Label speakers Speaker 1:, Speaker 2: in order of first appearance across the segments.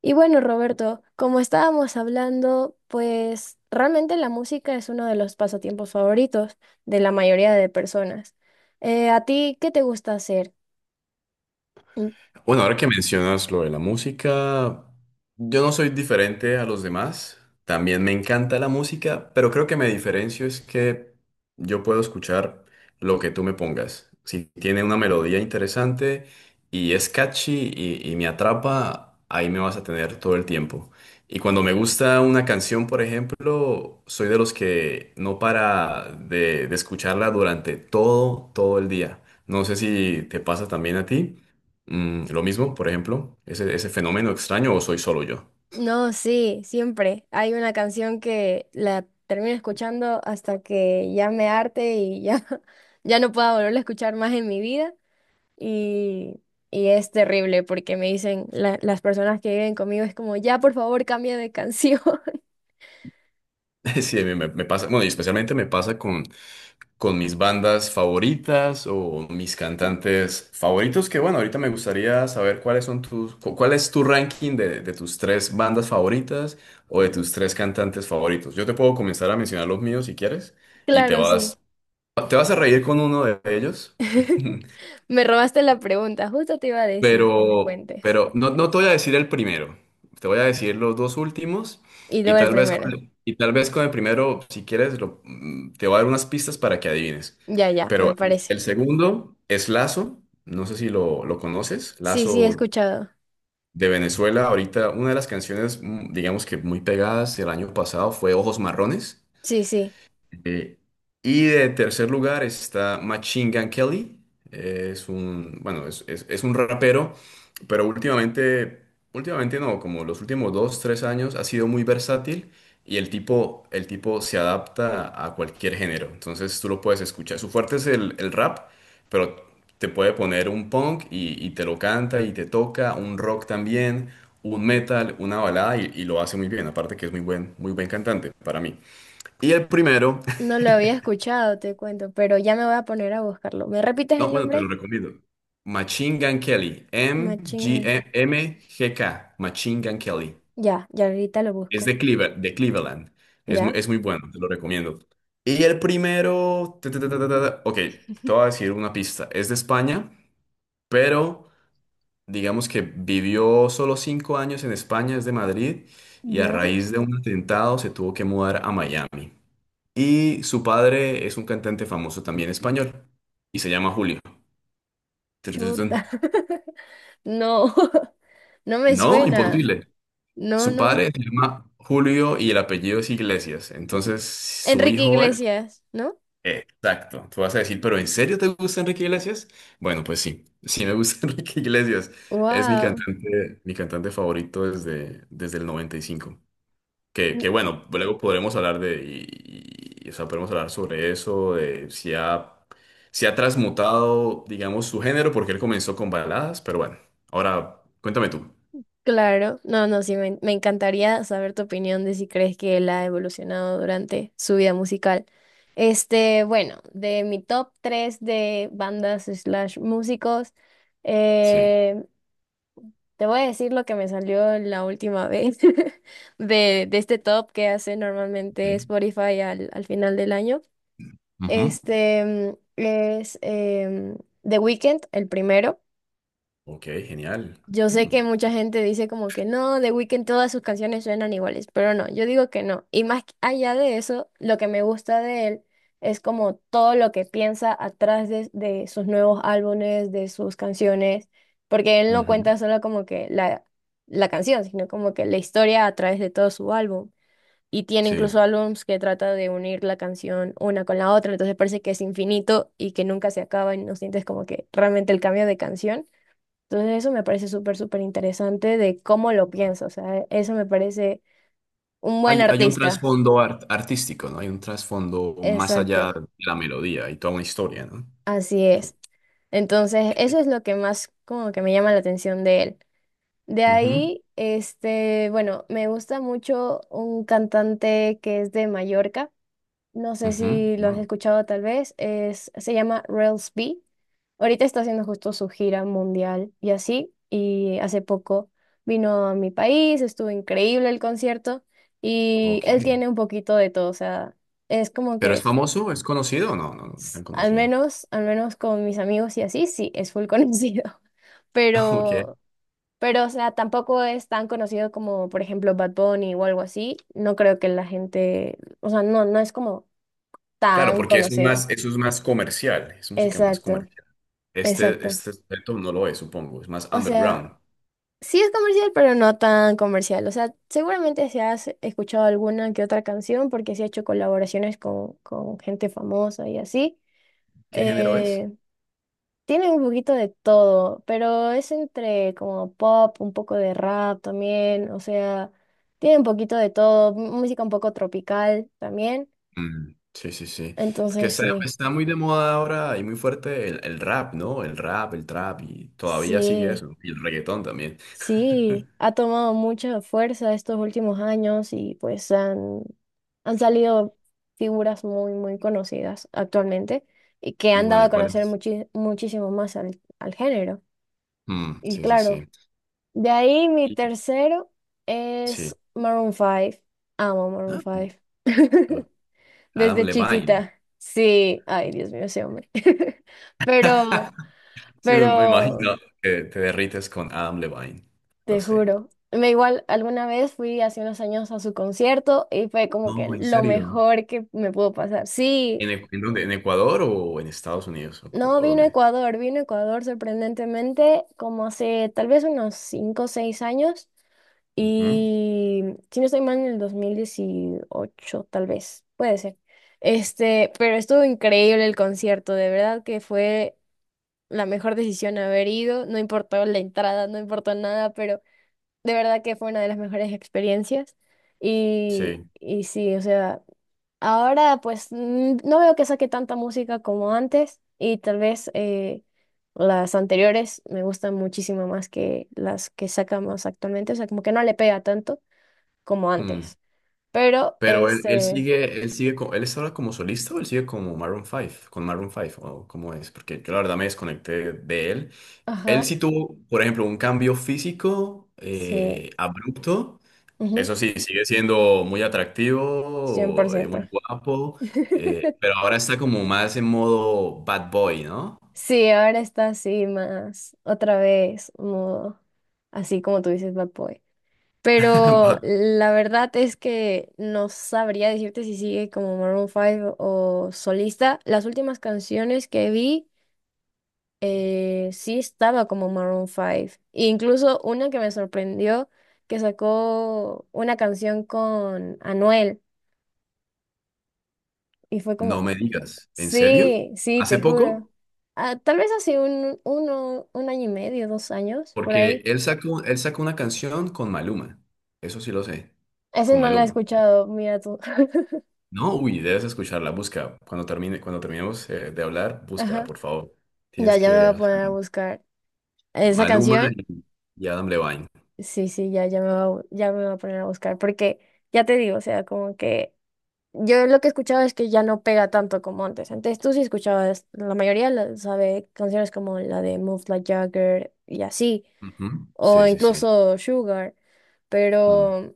Speaker 1: Y bueno, Roberto, como estábamos hablando, pues realmente la música es uno de los pasatiempos favoritos de la mayoría de personas. ¿A ti qué te gusta hacer? Mm.
Speaker 2: Bueno, ahora que mencionas lo de la música, yo no soy diferente a los demás. También me encanta la música, pero creo que me diferencio es que yo puedo escuchar lo que tú me pongas. Si tiene una melodía interesante y es catchy y me atrapa, ahí me vas a tener todo el tiempo. Y cuando me gusta una canción, por ejemplo, soy de los que no para de escucharla durante todo el día. No sé si te pasa también a ti. Lo mismo, por ejemplo, ese fenómeno extraño o soy solo yo.
Speaker 1: No, sí, siempre. Hay una canción que la termino escuchando hasta que ya me harte y ya, ya no pueda volverla a escuchar más en mi vida. Y, y es terrible porque me dicen las personas que viven conmigo es como, ya por favor cambia de canción.
Speaker 2: Sí, a mí me pasa, bueno, y especialmente me pasa con mis bandas favoritas o mis cantantes favoritos, que bueno, ahorita me gustaría saber cuáles son cuál es tu ranking de tus tres bandas favoritas o de tus tres cantantes favoritos. Yo te puedo comenzar a mencionar los míos si quieres y te
Speaker 1: Claro, sí.
Speaker 2: vas, te vas a reír con uno de ellos.
Speaker 1: Me robaste la pregunta, justo te iba a decir que me
Speaker 2: Pero,
Speaker 1: cuentes.
Speaker 2: pero no, no te voy a decir el primero, te voy a decir los dos últimos
Speaker 1: Y
Speaker 2: y
Speaker 1: luego el
Speaker 2: tal vez con
Speaker 1: primero.
Speaker 2: el, y tal vez con el primero, si quieres, te voy a dar unas pistas para que adivines.
Speaker 1: Ya, ya, me
Speaker 2: Pero el,
Speaker 1: parece.
Speaker 2: el segundo es Lazo, no sé si lo conoces,
Speaker 1: Sí, sí, he
Speaker 2: Lazo
Speaker 1: escuchado.
Speaker 2: de Venezuela. Ahorita una de las canciones, digamos que muy pegadas el año pasado, fue Ojos Marrones.
Speaker 1: Sí, sí.
Speaker 2: Eh, y de tercer lugar está Machine Gun Kelly. Bueno, es un rapero, pero últimamente no, como los últimos dos, tres años, ha sido muy versátil y el tipo se adapta a cualquier género. Entonces tú lo puedes escuchar. Su fuerte es el rap, pero te puede poner un punk y te lo canta y te toca, un rock también, un metal, una balada y lo hace muy bien. Aparte que es muy buen cantante para mí. Y el primero.
Speaker 1: No lo había escuchado, te cuento, pero ya me voy a poner a buscarlo. ¿Me repites
Speaker 2: No,
Speaker 1: el
Speaker 2: bueno, te lo
Speaker 1: nombre?
Speaker 2: recomiendo. Machine Gun Kelly.
Speaker 1: Machinga.
Speaker 2: M-G-M-G-K. Machine Gun Kelly.
Speaker 1: Ya, ya ahorita lo
Speaker 2: Es
Speaker 1: busco.
Speaker 2: de Cleveland, de Cleveland. Es muy,
Speaker 1: ¿Ya?
Speaker 2: es muy bueno, te lo recomiendo. Y el primero. Ta, ta, ta, ta, ta, ta, ta. Ok, te voy a decir una pista. Es de España, pero digamos que vivió solo 5 años en España, es de Madrid, y a
Speaker 1: ¿Ya?
Speaker 2: raíz de un atentado se tuvo que mudar a Miami. Y su padre es un cantante famoso también español, y se llama Julio. Tun, tun,
Speaker 1: Chuta.
Speaker 2: tun.
Speaker 1: No, no me
Speaker 2: No,
Speaker 1: suena.
Speaker 2: imposible.
Speaker 1: No,
Speaker 2: Su
Speaker 1: no.
Speaker 2: padre se llama Julio y el apellido es Iglesias. Entonces, su
Speaker 1: Enrique
Speaker 2: hijo es...
Speaker 1: Iglesias, ¿no?
Speaker 2: Exacto. Tú vas a decir, ¿pero en serio te gusta Enrique Iglesias? Bueno, pues sí, sí me gusta Enrique Iglesias. Es mi
Speaker 1: Wow.
Speaker 2: cantante, mi cantante favorito desde el 95. Que bueno, luego podremos hablar de... O sea, podemos hablar sobre eso, de si ha, transmutado, digamos, su género, porque él comenzó con baladas, pero bueno. Ahora, cuéntame tú.
Speaker 1: Claro. No, no, sí, me encantaría saber tu opinión de si crees que él ha evolucionado durante su vida musical. Este, bueno, de mi top 3 de bandas slash músicos,
Speaker 2: Sí.
Speaker 1: eh, te voy a decir lo que me salió la última vez de este top que hace
Speaker 2: Ok.
Speaker 1: normalmente Spotify al final del año.
Speaker 2: Ujú.
Speaker 1: Este es The Weeknd, el primero.
Speaker 2: Ok, genial.
Speaker 1: Yo sé
Speaker 2: Mm.
Speaker 1: que mucha gente dice como que no, The Weeknd todas sus canciones suenan iguales, pero no, yo digo que no. Y más allá de eso, lo que me gusta de él es como todo lo que piensa atrás de sus nuevos álbumes, de sus canciones, porque él no
Speaker 2: Ujú.
Speaker 1: cuenta solo como que la canción, sino como que la historia a través de todo su álbum. Y tiene
Speaker 2: Sí.
Speaker 1: incluso álbums que trata de unir la canción una con la otra, entonces parece que es infinito y que nunca se acaba y no sientes como que realmente el cambio de canción. Entonces eso me parece súper, súper interesante de cómo lo piensa. O sea, eso me parece un buen
Speaker 2: Hay un
Speaker 1: artista.
Speaker 2: trasfondo artístico, ¿no? Hay un trasfondo más allá
Speaker 1: Exacto,
Speaker 2: de la melodía y toda una historia, ¿no?
Speaker 1: así
Speaker 2: su-
Speaker 1: es. Entonces eso es lo que más como que me llama la atención de él. De
Speaker 2: Ujú,
Speaker 1: ahí, este, bueno, me gusta mucho un cantante que es de Mallorca. No sé
Speaker 2: ujú.
Speaker 1: si lo has
Speaker 2: Bueno,
Speaker 1: escuchado tal vez, es, se llama Rails B. Ahorita está haciendo justo su gira mundial y así, y hace poco vino a mi país, estuvo increíble el concierto y
Speaker 2: ok.
Speaker 1: él tiene un poquito de todo, o sea, es como
Speaker 2: ¿Pero es
Speaker 1: que
Speaker 2: famoso? ¿Es conocido? No, no, no, no tan conocido.
Speaker 1: al menos con mis amigos y así, sí, es full conocido,
Speaker 2: Ok.
Speaker 1: pero, pero, o sea, tampoco es tan conocido como, por ejemplo, Bad Bunny o algo así, no creo que la gente, o sea, no, no es como
Speaker 2: Claro,
Speaker 1: tan
Speaker 2: porque eso es
Speaker 1: conocido.
Speaker 2: más, eso es más comercial, es música más
Speaker 1: Exacto,
Speaker 2: comercial. Este,
Speaker 1: exacto.
Speaker 2: este aspecto no lo es, supongo. Es más
Speaker 1: O sea,
Speaker 2: underground.
Speaker 1: sí es comercial, pero no tan comercial. O sea, seguramente se has escuchado alguna que otra canción porque sí ha hecho colaboraciones con gente famosa y así.
Speaker 2: ¿Qué género es?
Speaker 1: Eh, tiene un poquito de todo, pero es entre como pop, un poco de rap también. O sea, tiene un poquito de todo, música un poco tropical también.
Speaker 2: Mm, sí, sí, sí. Porque
Speaker 1: Entonces,
Speaker 2: está,
Speaker 1: sí,
Speaker 2: está muy de moda ahora y muy fuerte el rap, ¿no? El rap, el trap y todavía sigue
Speaker 1: sí.
Speaker 2: eso. Y el reggaetón también.
Speaker 1: Sí, ha tomado mucha fuerza estos últimos años y pues han salido figuras muy, muy conocidas actualmente y que
Speaker 2: Y
Speaker 1: han
Speaker 2: bueno,
Speaker 1: dado
Speaker 2: ¿y
Speaker 1: a
Speaker 2: cuál
Speaker 1: conocer
Speaker 2: es?
Speaker 1: muchísimo más al género.
Speaker 2: Mm,
Speaker 1: Y
Speaker 2: sí, sí,
Speaker 1: claro,
Speaker 2: sí.
Speaker 1: de ahí mi
Speaker 2: Y-
Speaker 1: tercero es
Speaker 2: Sí.
Speaker 1: Maroon 5. Amo Maroon
Speaker 2: Ah,
Speaker 1: 5.
Speaker 2: ok. Adam
Speaker 1: Desde
Speaker 2: Levine.
Speaker 1: chiquita. Sí, ay, Dios mío, ese hombre. Pero,
Speaker 2: Sí, me imagino
Speaker 1: pero
Speaker 2: que te derrites con Adam Levine. Lo
Speaker 1: Te
Speaker 2: sé.
Speaker 1: juro. Me igual, alguna vez fui hace unos años a su concierto y fue como que
Speaker 2: No, ¿en
Speaker 1: lo
Speaker 2: serio?
Speaker 1: mejor que me pudo pasar. Sí,
Speaker 2: ¿En dónde? ¿En Ecuador o en Estados Unidos? ¿O, co-
Speaker 1: no
Speaker 2: o
Speaker 1: vino a
Speaker 2: dónde?
Speaker 1: Ecuador, vino a Ecuador sorprendentemente como hace tal vez unos 5 o 6 años
Speaker 2: Ujú.
Speaker 1: y si no estoy mal en el 2018 tal vez, puede ser. Este, pero estuvo increíble el concierto, de verdad que fue la mejor decisión haber ido, no importó la entrada, no importó nada, de verdad que fue una de las mejores experiencias. Y,
Speaker 2: Sí.
Speaker 1: y sí, o sea, ahora pues no veo que saque tanta música como antes y tal vez las anteriores me gustan muchísimo más que las que sacamos actualmente, o sea, como que no le pega tanto como
Speaker 2: Mm.
Speaker 1: antes. Pero,
Speaker 2: Pero él, él
Speaker 1: este,
Speaker 2: sigue, él sigue, co- él está ahora como solista, o él sigue como Maroon 5, con Maroon 5, o cómo es, porque yo la verdad me desconecté de él. Él sí
Speaker 1: ajá,
Speaker 2: tuvo, por ejemplo, un cambio físico
Speaker 1: sí,
Speaker 2: abrupto.
Speaker 1: ujú,
Speaker 2: Eso sí, sigue siendo muy
Speaker 1: cien por
Speaker 2: atractivo,
Speaker 1: ciento
Speaker 2: muy guapo, pero ahora está como más en modo bad boy, ¿no?
Speaker 1: Sí, ahora está así más, otra vez, modo, así como tú dices, Bad Boy. Pero
Speaker 2: Bad-
Speaker 1: la verdad es que no sabría decirte si sigue como Maroon 5 o solista. Las últimas canciones que vi, sí estaba como Maroon 5. E incluso una que me sorprendió, que sacó una canción con Anuel. Y fue
Speaker 2: No
Speaker 1: como,
Speaker 2: me digas, ¿en serio?
Speaker 1: sí, sí,
Speaker 2: ¿Hace
Speaker 1: te juro.
Speaker 2: poco?
Speaker 1: Ah, tal vez hace un año y medio, 2 años, por
Speaker 2: Porque
Speaker 1: ahí.
Speaker 2: él sacó una canción con Maluma, eso sí lo sé,
Speaker 1: Ese
Speaker 2: con
Speaker 1: no la he
Speaker 2: Maluma.
Speaker 1: escuchado, mira tú.
Speaker 2: No, uy, debes escucharla, busca. Cuando termine, cuando terminemos de hablar, búscala,
Speaker 1: Ajá.
Speaker 2: por favor.
Speaker 1: Ya,
Speaker 2: Tienes
Speaker 1: ya me voy
Speaker 2: que
Speaker 1: a poner
Speaker 2: hacer
Speaker 1: a buscar. Esa
Speaker 2: Maluma
Speaker 1: canción,
Speaker 2: y Adam Levine.
Speaker 1: sí, sí, ya me va a poner a buscar, porque ya te digo, o sea, como que yo lo que escuchaba es que ya no pega tanto como antes. Antes tú sí escuchabas, la mayoría sabe canciones como la de Move Like Jagger y así,
Speaker 2: Ujú.
Speaker 1: o
Speaker 2: Sí, sí, sí.
Speaker 1: incluso Sugar,
Speaker 2: Mm.
Speaker 1: pero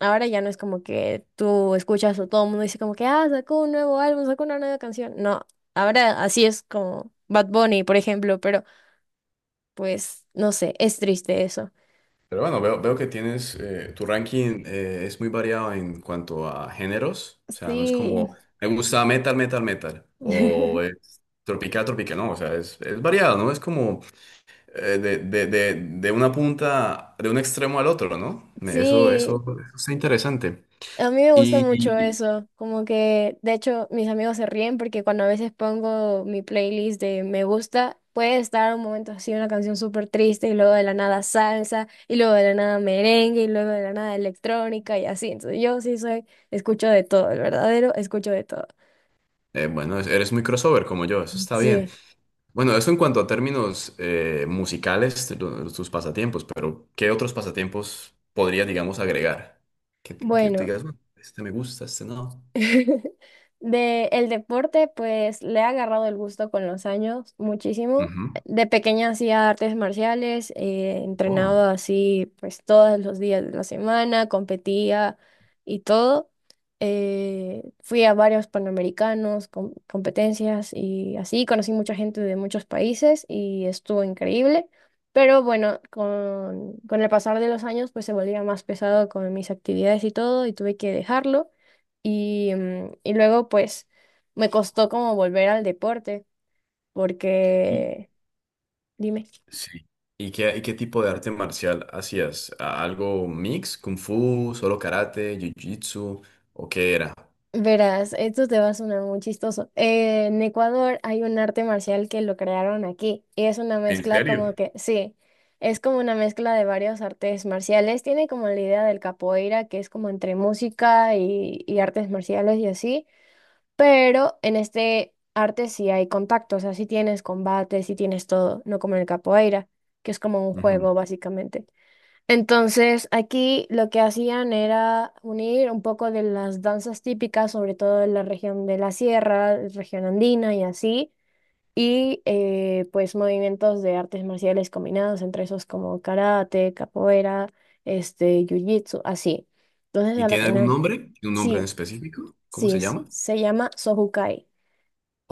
Speaker 1: ahora ya no es como que tú escuchas o todo el mundo dice como que, ah, sacó un nuevo álbum, sacó una nueva canción. No, ahora así es como Bad Bunny, por ejemplo, pero pues no sé, es triste eso.
Speaker 2: Pero bueno, veo que tienes, tu ranking, es muy variado en cuanto a géneros. O sea, no es
Speaker 1: Sí,
Speaker 2: como, me gusta metal, metal, metal. O es tropical, tropical. No, o sea, es variado, ¿no? Es como de una punta, de un extremo al otro, ¿no? Me- Eso, eso,
Speaker 1: sí,
Speaker 2: eso está interesante.
Speaker 1: a mí me gusta mucho
Speaker 2: Y,
Speaker 1: eso, como que de hecho mis amigos se ríen porque cuando a veces pongo mi playlist de me gusta, puede estar un momento así una canción súper triste y luego de la nada salsa y luego de la nada merengue y luego de la nada electrónica y así. Entonces yo sí soy, escucho de todo, el verdadero escucho de todo.
Speaker 2: Bueno, eres muy crossover como yo, eso está bien.
Speaker 1: Sí,
Speaker 2: Bueno, eso en cuanto a términos, musicales, tus pasatiempos, pero ¿qué otros pasatiempos podrías, digamos, agregar? Que tú
Speaker 1: bueno.
Speaker 2: digas, "Bueno, este me gusta, este no".
Speaker 1: De el deporte, pues le he agarrado el gusto con los años, muchísimo.
Speaker 2: Ujú.
Speaker 1: De pequeña hacía artes marciales,
Speaker 2: Oh.
Speaker 1: entrenaba así pues todos los días de la semana, competía y todo. Fui a varios panamericanos, competencias y así, conocí mucha gente de muchos países y estuvo increíble. Pero bueno, con el pasar de los años pues se volvía más pesado con mis actividades y todo y tuve que dejarlo. Y, y luego, pues, me costó como volver al deporte,
Speaker 2: Y,
Speaker 1: porque, dime,
Speaker 2: sí. ¿Y qué tipo de arte marcial hacías? ¿Algo mix? ¿Kung Fu? ¿Solo karate? ¿Jiu-jitsu? ¿O qué era?
Speaker 1: verás, esto te va a sonar muy chistoso. En Ecuador hay un arte marcial que lo crearon aquí, y es una
Speaker 2: ¿En
Speaker 1: mezcla
Speaker 2: serio?
Speaker 1: como que, sí, es como una mezcla de varios artes marciales. Tiene como la idea del capoeira, que es como entre música y artes marciales y así. Pero en este arte sí hay contacto, o sea, sí tienes combate, sí tienes todo, no como en el capoeira, que es como un
Speaker 2: Ujú.
Speaker 1: juego básicamente. Entonces, aquí lo que hacían era unir un poco de las danzas típicas, sobre todo de la región de la sierra, región andina y así, y pues movimientos de artes marciales combinados entre esos como karate, capoeira, este, jiu-jitsu, así. Entonces,
Speaker 2: ¿Y
Speaker 1: a la
Speaker 2: tiene algún
Speaker 1: final,
Speaker 2: nombre? ¿Tiene un nombre en
Speaker 1: sí,
Speaker 2: específico? ¿Cómo se
Speaker 1: sí, se
Speaker 2: llama?
Speaker 1: se llama Sohukai.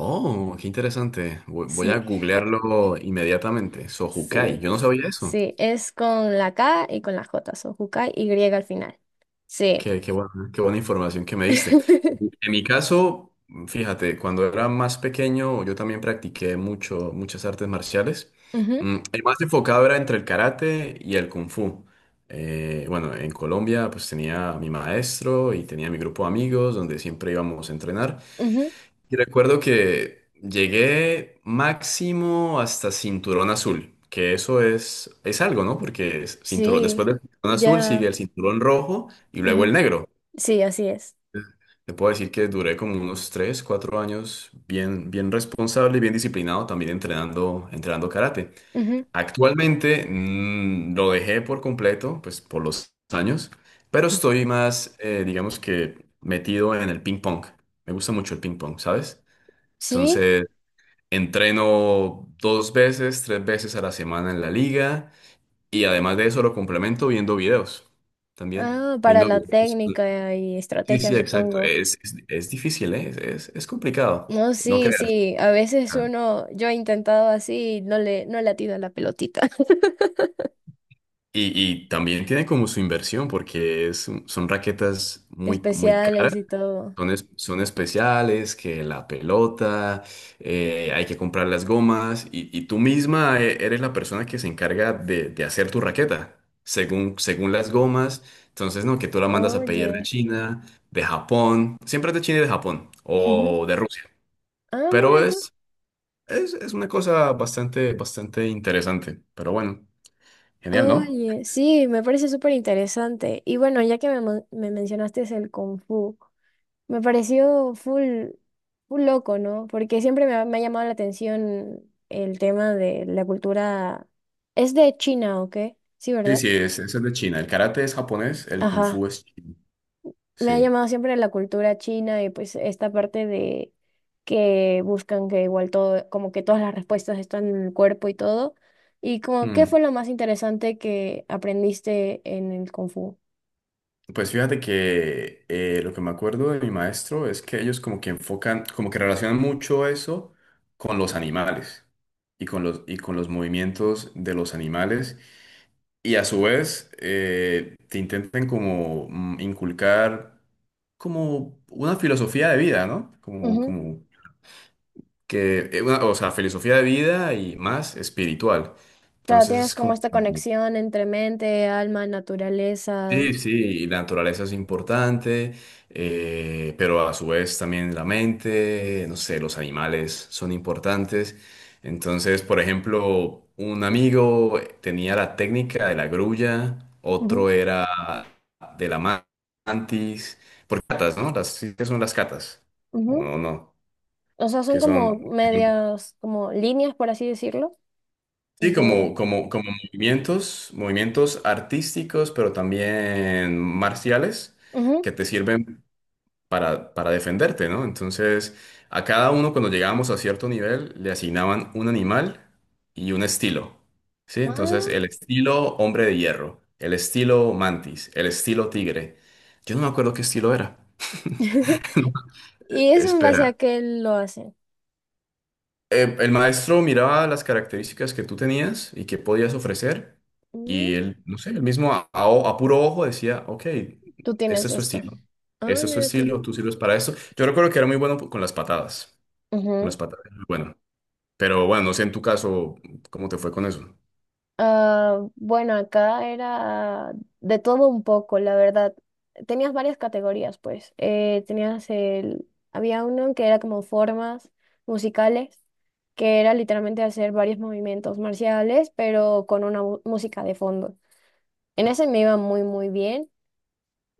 Speaker 2: Oh, qué interesante. Voy a
Speaker 1: Sí,
Speaker 2: googlearlo inmediatamente. Sojukai.
Speaker 1: sí,
Speaker 2: Yo no sabía eso.
Speaker 1: sí, es con la K y con la J, son Jukai y griega al final. Sí.
Speaker 2: Qué buena información que me diste. En mi caso, fíjate, cuando era más pequeño, yo también practiqué mucho, muchas artes marciales.
Speaker 1: Ujú,
Speaker 2: El más enfocado era entre el karate y el kung fu. Bueno, en Colombia, pues tenía a mi maestro y tenía mi grupo de amigos donde siempre íbamos a entrenar.
Speaker 1: ujú.
Speaker 2: Y recuerdo que llegué máximo hasta cinturón azul, que eso es algo, ¿no? Porque es cinturón, después
Speaker 1: Sí,
Speaker 2: del cinturón azul sigue
Speaker 1: ya.
Speaker 2: el cinturón rojo y luego el
Speaker 1: Ujú.
Speaker 2: negro.
Speaker 1: Sí, así es.
Speaker 2: Te puedo decir que duré como unos 3 4 años bien, bien responsable y bien disciplinado, también entrenando karate. Actualmente, lo dejé por completo, pues por los años, pero
Speaker 1: Ujú.
Speaker 2: estoy más, digamos, que metido en el ping pong. Me gusta mucho el ping pong, ¿sabes?
Speaker 1: Sí,
Speaker 2: Entonces entreno 2 veces, 3 veces a la semana en la liga, y además de eso lo complemento viendo videos también,
Speaker 1: ah, para
Speaker 2: viendo
Speaker 1: la
Speaker 2: videos.
Speaker 1: técnica y
Speaker 2: Sí,
Speaker 1: estrategia,
Speaker 2: sí, exacto.
Speaker 1: supongo.
Speaker 2: Es difícil, ¿eh? Es complicado,
Speaker 1: No,
Speaker 2: no
Speaker 1: sí,
Speaker 2: creas.
Speaker 1: sí, a veces uno, yo he intentado así y no le atino a la pelotita.
Speaker 2: Y, y también tiene como su inversión, porque es, son raquetas muy, muy caras.
Speaker 1: Especiales y todo.
Speaker 2: Son especiales, que la pelota, hay que comprar las gomas, y tú misma, eres la persona que se encarga de hacer tu raqueta, según las gomas. Entonces, no, que tú la mandas a pedir de
Speaker 1: Oye.
Speaker 2: China, de Japón, siempre es de China y de Japón
Speaker 1: Ujú.
Speaker 2: o de Rusia.
Speaker 1: Ah,
Speaker 2: Pero
Speaker 1: mira tú.
Speaker 2: es una cosa bastante, bastante interesante. Pero bueno, genial, ¿no?
Speaker 1: Oye, sí, me parece súper interesante. Y bueno, ya que me mencionaste es el Kung Fu, me pareció full, full loco, ¿no? Porque siempre me ha llamado la atención el tema de la cultura. Es de China, ¿o qué? Sí,
Speaker 2: Sí,
Speaker 1: ¿verdad?
Speaker 2: sí, es, eso es de China. El karate es japonés, el kung
Speaker 1: Ajá.
Speaker 2: fu es chino.
Speaker 1: Me ha
Speaker 2: Sí.
Speaker 1: llamado siempre la cultura china y pues esta parte de que buscan que igual todo, como que todas las respuestas están en el cuerpo y todo. Y como, ¿qué
Speaker 2: Mm.
Speaker 1: fue lo más interesante que aprendiste en el Kung Fu?
Speaker 2: Pues fíjate que, lo que me acuerdo de mi maestro es que ellos como que enfocan, como que relacionan mucho eso con los animales, y con los movimientos de los animales, y a su vez, te intenten como, inculcar como una filosofía de vida, ¿no? Como que, o sea, filosofía de vida y más espiritual.
Speaker 1: Claro,
Speaker 2: Entonces,
Speaker 1: tienes
Speaker 2: es
Speaker 1: como
Speaker 2: como...
Speaker 1: esta conexión entre mente, alma, naturaleza.
Speaker 2: Sí, sí, y la naturaleza es importante, pero a su vez también la mente, no sé, los animales son importantes. Entonces, por ejemplo, un amigo tenía la técnica de la grulla,
Speaker 1: Ujú,
Speaker 2: otro era de la mantis, por catas, ¿no? Sí, ¿qué son las catas? ¿O
Speaker 1: ujú.
Speaker 2: no, no?
Speaker 1: O sea, son
Speaker 2: Que
Speaker 1: como
Speaker 2: son, que son-
Speaker 1: medias, como líneas, por así decirlo,
Speaker 2: sí,
Speaker 1: de...
Speaker 2: como movimientos, movimientos artísticos, pero también marciales,
Speaker 1: Ujú.
Speaker 2: que te sirven para defenderte, ¿no? Entonces, a cada uno, cuando llegábamos a cierto nivel, le asignaban un animal y un estilo, ¿sí? Entonces,
Speaker 1: Ah.
Speaker 2: el estilo hombre de hierro, el estilo mantis, el estilo tigre. Yo no me acuerdo qué estilo era.
Speaker 1: ¿Y eso en base a
Speaker 2: Espera.
Speaker 1: qué lo hacen?
Speaker 2: El maestro miraba las características que tú tenías y que podías ofrecer,
Speaker 1: Mm.
Speaker 2: y él, no sé, el mismo a puro ojo decía, ok,
Speaker 1: Tú
Speaker 2: este
Speaker 1: tienes
Speaker 2: es tu
Speaker 1: esto.
Speaker 2: estilo.
Speaker 1: Ah,
Speaker 2: Este es tu
Speaker 1: mira tú.
Speaker 2: estilo, tú sirves para esto. Yo recuerdo que era muy bueno con las patadas. Unas patatas. Bueno, pero bueno, no sé en tu caso cómo te fue con eso.
Speaker 1: Ah, bueno, acá era de todo un poco, la verdad. Tenías varias categorías, pues. Tenías el, había uno que era como formas musicales, que era literalmente hacer varios movimientos marciales, pero con una música de fondo. En ese me iba muy, muy bien.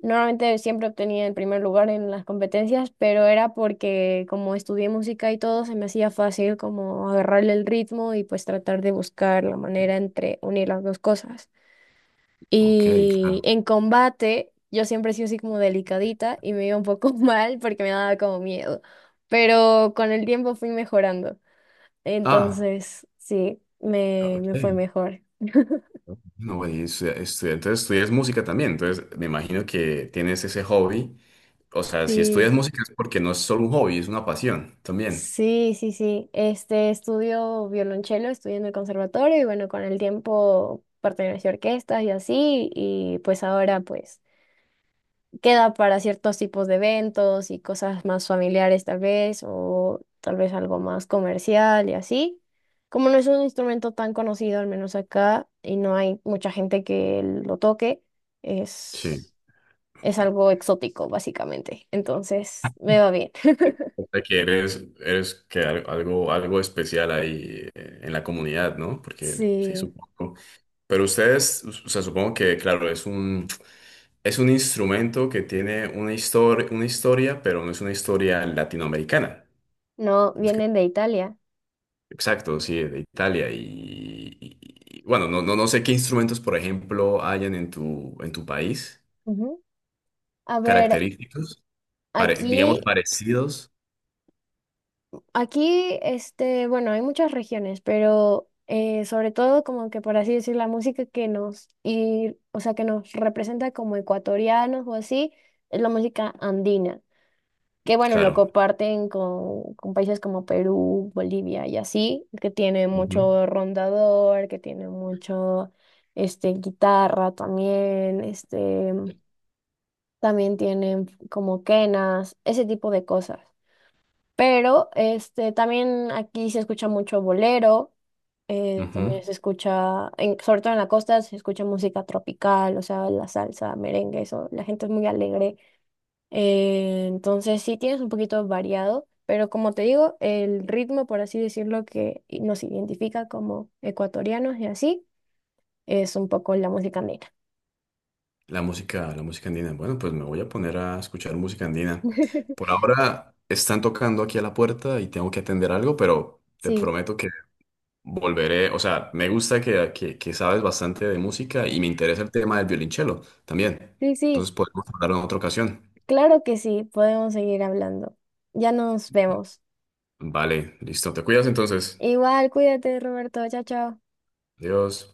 Speaker 1: Normalmente siempre obtenía el primer lugar en las competencias, pero era porque como estudié música y todo, se me hacía fácil como agarrarle el ritmo y pues tratar de buscar la manera entre unir las dos cosas.
Speaker 2: Ok,
Speaker 1: Y
Speaker 2: claro.
Speaker 1: en combate, yo siempre he sido así como delicadita y me iba un poco mal porque me daba como miedo. Pero con el tiempo fui mejorando.
Speaker 2: Ah,
Speaker 1: Entonces, sí, me fue
Speaker 2: ok.
Speaker 1: mejor.
Speaker 2: No, bueno, y entonces estudias música también, entonces me imagino que tienes ese hobby. O sea, si estudias
Speaker 1: Sí,
Speaker 2: música es porque no es solo un hobby, es una pasión también.
Speaker 1: sí, sí, sí. Este estudio violonchelo, estudié en el conservatorio y bueno, con el tiempo pertenecí a orquestas y así. Y pues ahora, pues, queda para ciertos tipos de eventos y cosas más familiares tal vez, o tal vez algo más comercial y así. Como no es un instrumento tan conocido, al menos acá, y no hay mucha gente que lo toque,
Speaker 2: Sí.
Speaker 1: es, es algo exótico, básicamente. Entonces, me va bien.
Speaker 2: O sea, que eres, eres algo especial ahí, en la comunidad, ¿no? Porque sí,
Speaker 1: Sí,
Speaker 2: supongo. Pero ustedes, o sea, supongo que, claro, es un... Es un instrumento que tiene una historia, pero no es una historia latinoamericana.
Speaker 1: no,
Speaker 2: No es que-
Speaker 1: vienen de Italia.
Speaker 2: exacto, sí, de Italia. Y, bueno, no, no, no sé qué instrumentos, por ejemplo, hayan en en tu país,
Speaker 1: Ujú. A ver,
Speaker 2: característicos,
Speaker 1: aquí
Speaker 2: digamos, parecidos.
Speaker 1: Aquí, este, bueno, hay muchas regiones, pero sobre todo como que por así decir, la música que nos o sea, que nos representa como ecuatorianos o así, es la música andina, que bueno, lo
Speaker 2: Claro.
Speaker 1: comparten con países como Perú, Bolivia y así, que tiene
Speaker 2: Ujú,
Speaker 1: mucho rondador, que tiene mucho este guitarra también, este, también tienen como quenas, ese tipo de cosas. Pero este, también aquí se escucha mucho bolero,
Speaker 2: ujú.
Speaker 1: también se escucha, sobre todo en la costa, se escucha música tropical, o sea, la salsa, merengue, eso, la gente es muy alegre. Entonces sí tienes un poquito variado, pero como te digo, el ritmo, por así decirlo, que nos identifica como ecuatorianos y así, es un poco la música negra.
Speaker 2: La música andina. Bueno, pues me voy a poner a escuchar música andina. Por ahora están tocando aquí a la puerta y tengo que atender algo, pero te
Speaker 1: Sí,
Speaker 2: prometo que volveré. O sea, me gusta que, sabes bastante de música, y me interesa el tema del violonchelo también.
Speaker 1: sí, sí,
Speaker 2: Entonces podemos hablar en otra ocasión.
Speaker 1: claro que sí, podemos seguir hablando. Ya nos vemos.
Speaker 2: Vale, listo. Te cuidas entonces.
Speaker 1: Igual, cuídate, Roberto, chao, chao.
Speaker 2: Adiós.